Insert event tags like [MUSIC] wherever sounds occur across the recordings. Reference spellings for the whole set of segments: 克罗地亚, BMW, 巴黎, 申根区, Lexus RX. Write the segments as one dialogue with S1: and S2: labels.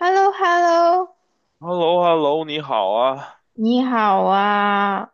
S1: h e l l o h e l l o
S2: h e l l o h e l l o 你好啊！
S1: 你好啊。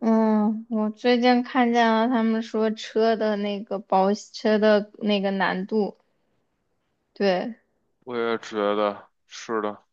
S1: 嗯，我最近看见了他们说车的那个保车的那个难度，对，
S2: 我也觉得是的，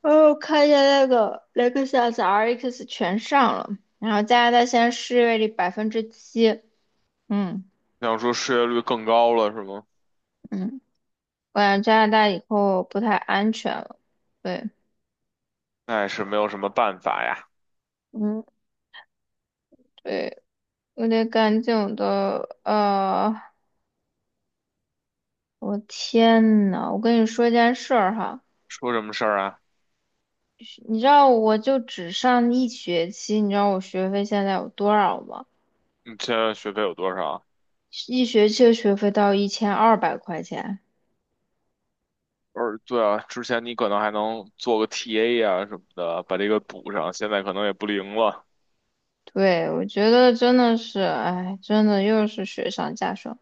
S1: 哦，看见那个雷克萨斯 RX 全上了，然后加拿大现在失业率7%。嗯
S2: 想说失业率更高了是吗？
S1: 嗯，我感觉加拿大以后不太安全了，对。
S2: 那也是没有什么办法呀。
S1: 嗯，对，我得赶紧的，我天呐，我跟你说一件事儿哈。
S2: 说什么事儿啊？
S1: 你知道我就只上一学期，你知道我学费现在有多少吗？
S2: 你现在学费有多少啊？
S1: 一学期的学费到1200块钱。
S2: 而对啊，之前你可能还能做个 TA 啊什么的，把这个补上，现在可能也不灵了。
S1: 对，我觉得真的是，哎，真的又是雪上加霜。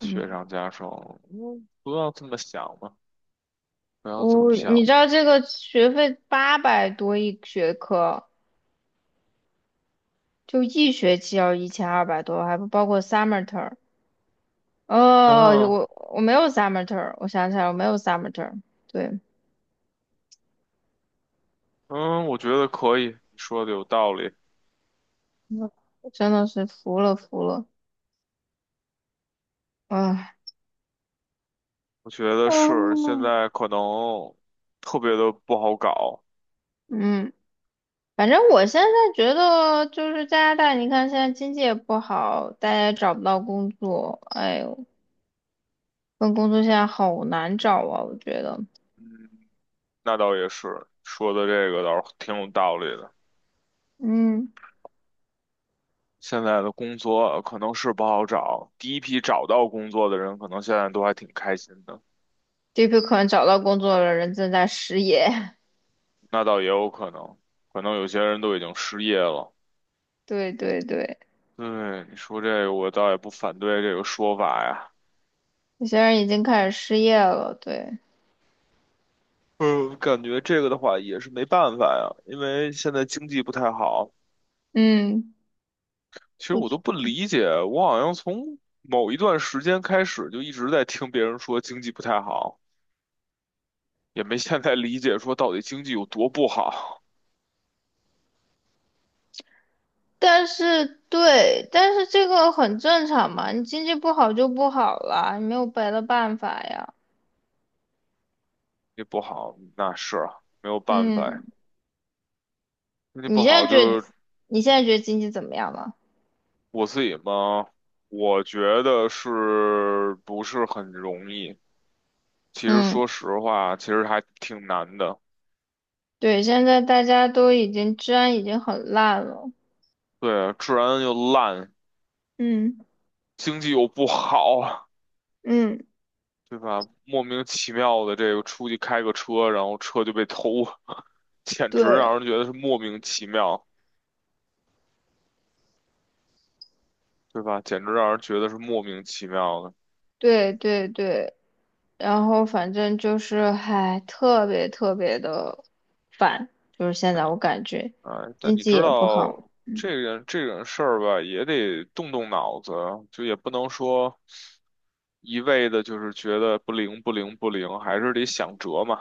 S2: 雪
S1: 嗯，
S2: 上加霜，嗯，不要这么想嘛，不要这么
S1: 我，你
S2: 想。
S1: 知道这个学费八百多一学科，就一学期要1200多，还不包括 summer term。哦，
S2: 嗯
S1: 我没有 summer term,我想起来我没有 summer term。对，
S2: 嗯，我觉得可以，你说的有道理。
S1: 嗯，真的是服了服了，啊。
S2: 我觉得是，现
S1: 啊
S2: 在可能特别的不好搞。
S1: 嗯，反正我现在觉得就是加拿大，你看现在经济也不好，大家也找不到工作，哎呦，份工作现在好难找啊，我觉得。
S2: 嗯那倒也是，说的这个倒是挺有道理的。
S1: 嗯，
S2: 现在的工作可能是不好找，第一批找到工作的人，可能现在都还挺开心的。
S1: 这批可能找到工作的人正在失业。
S2: 那倒也有可能，可能有些人都已经失业了。
S1: [LAUGHS] 对对对，
S2: 对，你说这个，我倒也不反对这个说法呀。
S1: 有些人已经开始失业了，对。
S2: 嗯，感觉这个的话也是没办法呀，因为现在经济不太好。
S1: 嗯，
S2: 其实
S1: 我
S2: 我都
S1: 觉
S2: 不理解，我好像从某一段时间开始就一直在听别人说经济不太好。也没现在理解说到底经济有多不好，
S1: 但是对，但是这个很正常嘛，你经济不好就不好了，你没有别的办法呀。
S2: 也不好，那是啊没有办法呀，
S1: 嗯，
S2: 经济
S1: 你
S2: 不
S1: 现
S2: 好
S1: 在觉得
S2: 就
S1: 你现在觉得经济怎么样了？
S2: 我自己嘛，我觉得是不是很容易？其实
S1: 嗯，
S2: 说实话，其实还挺难的。
S1: 对，现在大家都已经治安已经很烂了。
S2: 对啊，治安又烂，
S1: 嗯
S2: 经济又不好，
S1: 嗯，
S2: 对吧？莫名其妙的这个出去开个车，然后车就被偷，[LAUGHS] 简直
S1: 对
S2: 让人觉得是莫名其妙，对吧？简直让人觉得是莫名其妙的。
S1: 对对对，然后反正就是还特别特别的烦，就是现在我感觉
S2: 哎，但
S1: 经
S2: 你
S1: 济
S2: 知
S1: 也不
S2: 道
S1: 好。
S2: 这个这种事儿吧，也得动动脑子，就也不能说一味的就是觉得不灵不灵不灵，还是得想辙嘛，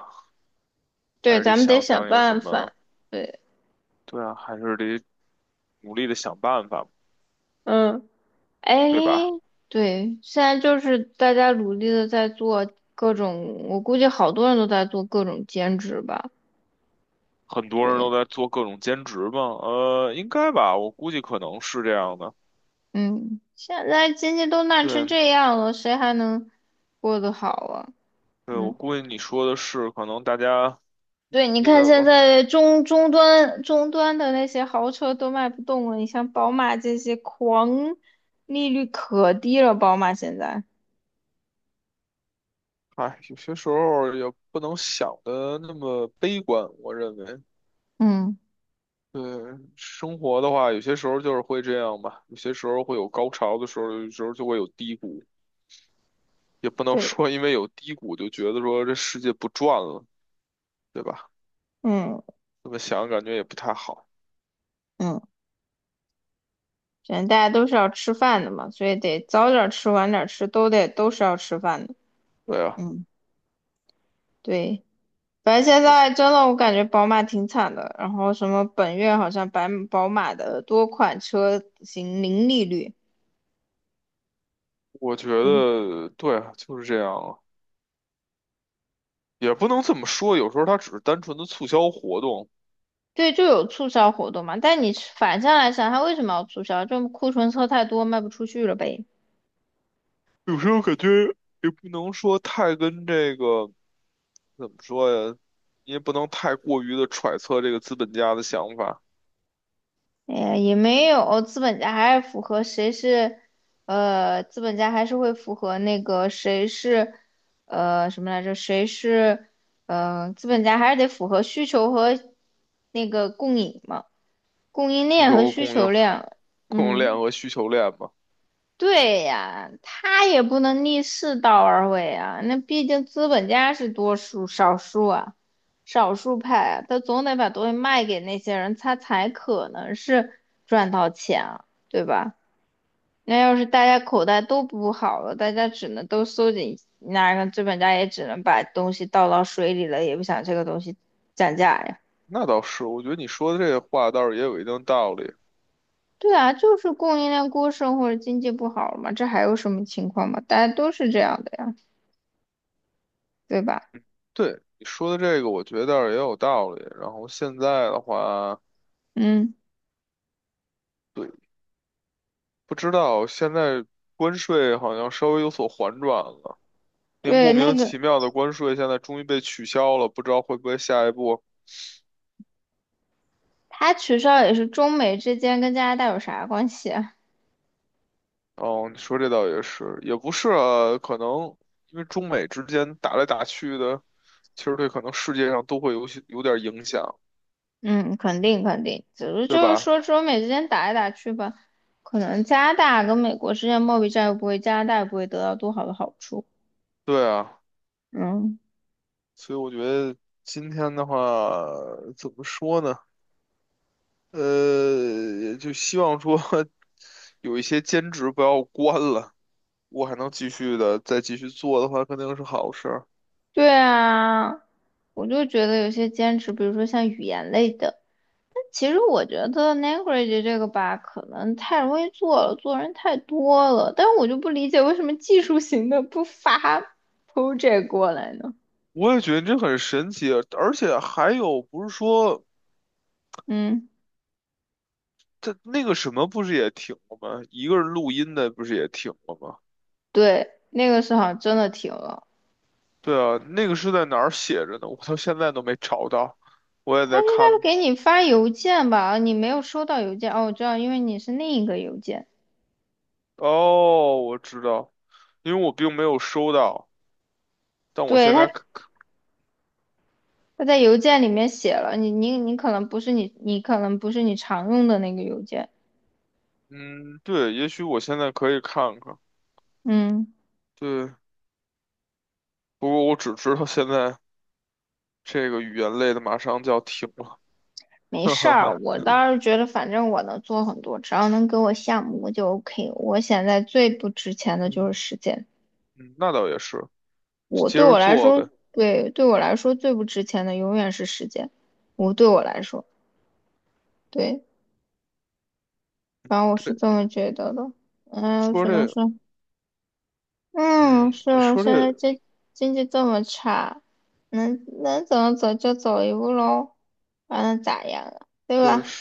S2: 还
S1: 对，
S2: 是得
S1: 咱们得
S2: 想
S1: 想
S2: 想有什
S1: 办
S2: 么，
S1: 法。对，
S2: 对啊，还是得努力的想办法，
S1: 嗯，哎，
S2: 对吧？
S1: 对，现在就是大家努力的在做各种，我估计好多人都在做各种兼职吧。
S2: 很多人
S1: 对。
S2: 都在做各种兼职嘛，应该吧，我估计可能是这样的。
S1: 嗯，现在经济都烂成
S2: 对，
S1: 这样了，谁还能过得好啊？
S2: 对，我
S1: 嗯，
S2: 估计你说的是，可能大家
S1: 对，你
S2: 也在
S1: 看现
S2: 玩。
S1: 在中端的那些豪车都卖不动了，你像宝马这些狂，利率可低了，宝马现在。
S2: 哎，有些时候也不能想的那么悲观，我认为。
S1: 嗯，
S2: 对，生活的话，有些时候就是会这样吧，有些时候会有高潮的时候，有时候就会有低谷，也不能
S1: 对，
S2: 说因为有低谷就觉得说这世界不转了，对吧？
S1: 嗯
S2: 这么想感觉也不太好。
S1: 嗯，现在大家都是要吃饭的嘛，所以得早点吃晚点吃，都是要吃饭的。
S2: 对啊，
S1: 嗯。对，反正现在
S2: 我
S1: 真的我感觉宝马挺惨的，然后什么本月好像白宝马的多款车型零利率。
S2: 我觉
S1: 嗯，
S2: 得对啊，就是这样啊，也不能这么说，有时候它只是单纯的促销活动，
S1: 对，就有促销活动嘛。但你反向来想，它为什么要促销？就库存车太多卖不出去了呗。
S2: 有时候感觉也不能说太跟这个。怎么说呀？你也不能太过于的揣测这个资本家的想法，
S1: 哎呀，也没有，资本家还是符合谁是，资本家还是会符合那个谁是，什么来着？谁是，资本家还是得符合需求和那个供应嘛。供应
S2: 需
S1: 链
S2: 求
S1: 和
S2: 和
S1: 需
S2: 供应、
S1: 求量。
S2: 供应链
S1: 嗯，
S2: 和需求链嘛。
S1: 对呀，他也不能逆世道而为啊，那毕竟资本家是多数少数啊，少数派啊，他总得把东西卖给那些人，他才可能是赚到钱啊，对吧？那要是大家口袋都不好了，大家只能都收紧，那个资本家也只能把东西倒到水里了，也不想这个东西涨价呀。
S2: 那倒是，我觉得你说的这个话倒是也有一定道理。
S1: 对啊，就是供应链过剩或者经济不好嘛，这还有什么情况嘛？大家都是这样的呀，对吧？
S2: 对，你说的这个，我觉得倒是也有道理。然后现在的话，
S1: 嗯，
S2: 对，不知道现在关税好像稍微有所缓转了，那个莫
S1: 对，那
S2: 名
S1: 个
S2: 其妙的关税现在终于被取消了，不知道会不会下一步。
S1: 他取消也是中美之间跟加拿大有啥关系啊？
S2: 哦，你说这倒也是，也不是啊，可能因为中美之间打来打去的，其实对可能世界上都会有些有点影响，
S1: 嗯，肯定肯定，只是
S2: 对
S1: 就是
S2: 吧？
S1: 说中美之间打来打去吧，可能加拿大跟美国之间贸易战又不会，加拿大也不会得到多好的好处。
S2: 对啊，
S1: 嗯，
S2: 所以我觉得今天的话，怎么说呢？就希望说 [LAUGHS] 有一些兼职不要关了，我还能继续的再继续做的话，肯定是好事儿。
S1: 对啊，我就觉得有些兼职，比如说像语言类的。其实我觉得 language 这个吧，可能太容易做了，做人太多了。但我就不理解为什么技术型的不发 project 过来呢？
S2: 我也觉得这很神奇啊，而且还有不是说。
S1: 嗯，
S2: 他那个什么不是也停了吗？一个人录音的不是也停了吗？
S1: 对，那个时候真的停了。
S2: 对啊，那个是在哪儿写着呢？我到现在都没找到，我也
S1: 他
S2: 在
S1: 应该
S2: 看。
S1: 给你发邮件吧？你没有收到邮件哦，我知道，因为你是另一个邮件。
S2: 哦，我知道，因为我并没有收到，但我
S1: 对，
S2: 现
S1: 他，
S2: 在可
S1: 他在邮件里面写了，你可能不是你，你可能不是你常用的那个邮件。
S2: 嗯，对，也许我现在可以看看。
S1: 嗯。
S2: 对，不过我只知道现在这个语言类的马上就要停了，[LAUGHS]
S1: 没
S2: 哈
S1: 事
S2: 哈
S1: 儿，
S2: 哈。
S1: 我倒是觉得反正我能做很多，只要能给我项目我就 OK。我现在最不值钱的就
S2: 嗯，
S1: 是时间，
S2: 嗯那倒也是，
S1: 我
S2: 接
S1: 对
S2: 着
S1: 我来
S2: 做
S1: 说，
S2: 呗。
S1: 对，对我来说最不值钱的永远是时间。我对我来说，对，反正我是
S2: 对，
S1: 这么觉得的。嗯，
S2: 说
S1: 主要是。
S2: 这，
S1: 嗯，
S2: 嗯，
S1: 是啊，
S2: 说
S1: 现在
S2: 这，
S1: 经济这么差，能怎么走就走一步喽，还能咋样啊？对
S2: 对。
S1: 吧？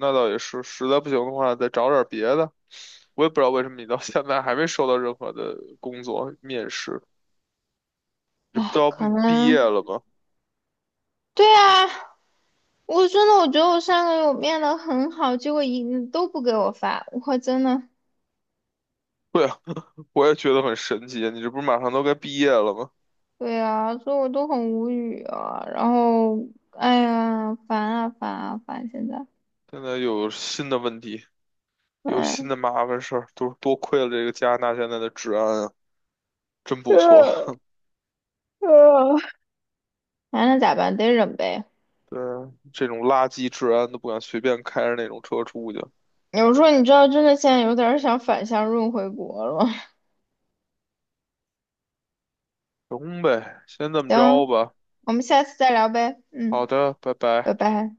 S2: 那倒也是，实在不行的话，再找点别的。我也不知道为什么你到现在还没收到任何的工作面试，这不都
S1: 哎，
S2: 要毕
S1: 可
S2: 毕业
S1: 能，
S2: 了吗？
S1: 对啊，我真的我觉得我上个月我变得很好，结果一都不给我发，我真的，
S2: 对啊，我也觉得很神奇啊，你这不是马上都该毕业了吗？
S1: 对啊，所以我都很无语啊。然后，哎呀，烦啊烦啊烦！现在，
S2: 现在又有新的问题，有新
S1: 哎，
S2: 的麻烦事儿，都是多亏了这个加拿大现在的治安啊，真
S1: [LAUGHS]
S2: 不错。
S1: 呃呃烦了咋办？得忍呗。
S2: 对啊，这种垃圾治安都不敢随便开着那种车出去。
S1: 有时候你知道，真的现在有点儿想反向润回国了。
S2: 行呗，先这
S1: [LAUGHS]
S2: 么
S1: 行，
S2: 着吧。
S1: 我们下次再聊呗。
S2: 好
S1: 嗯，
S2: 的，拜
S1: 拜
S2: 拜。
S1: 拜。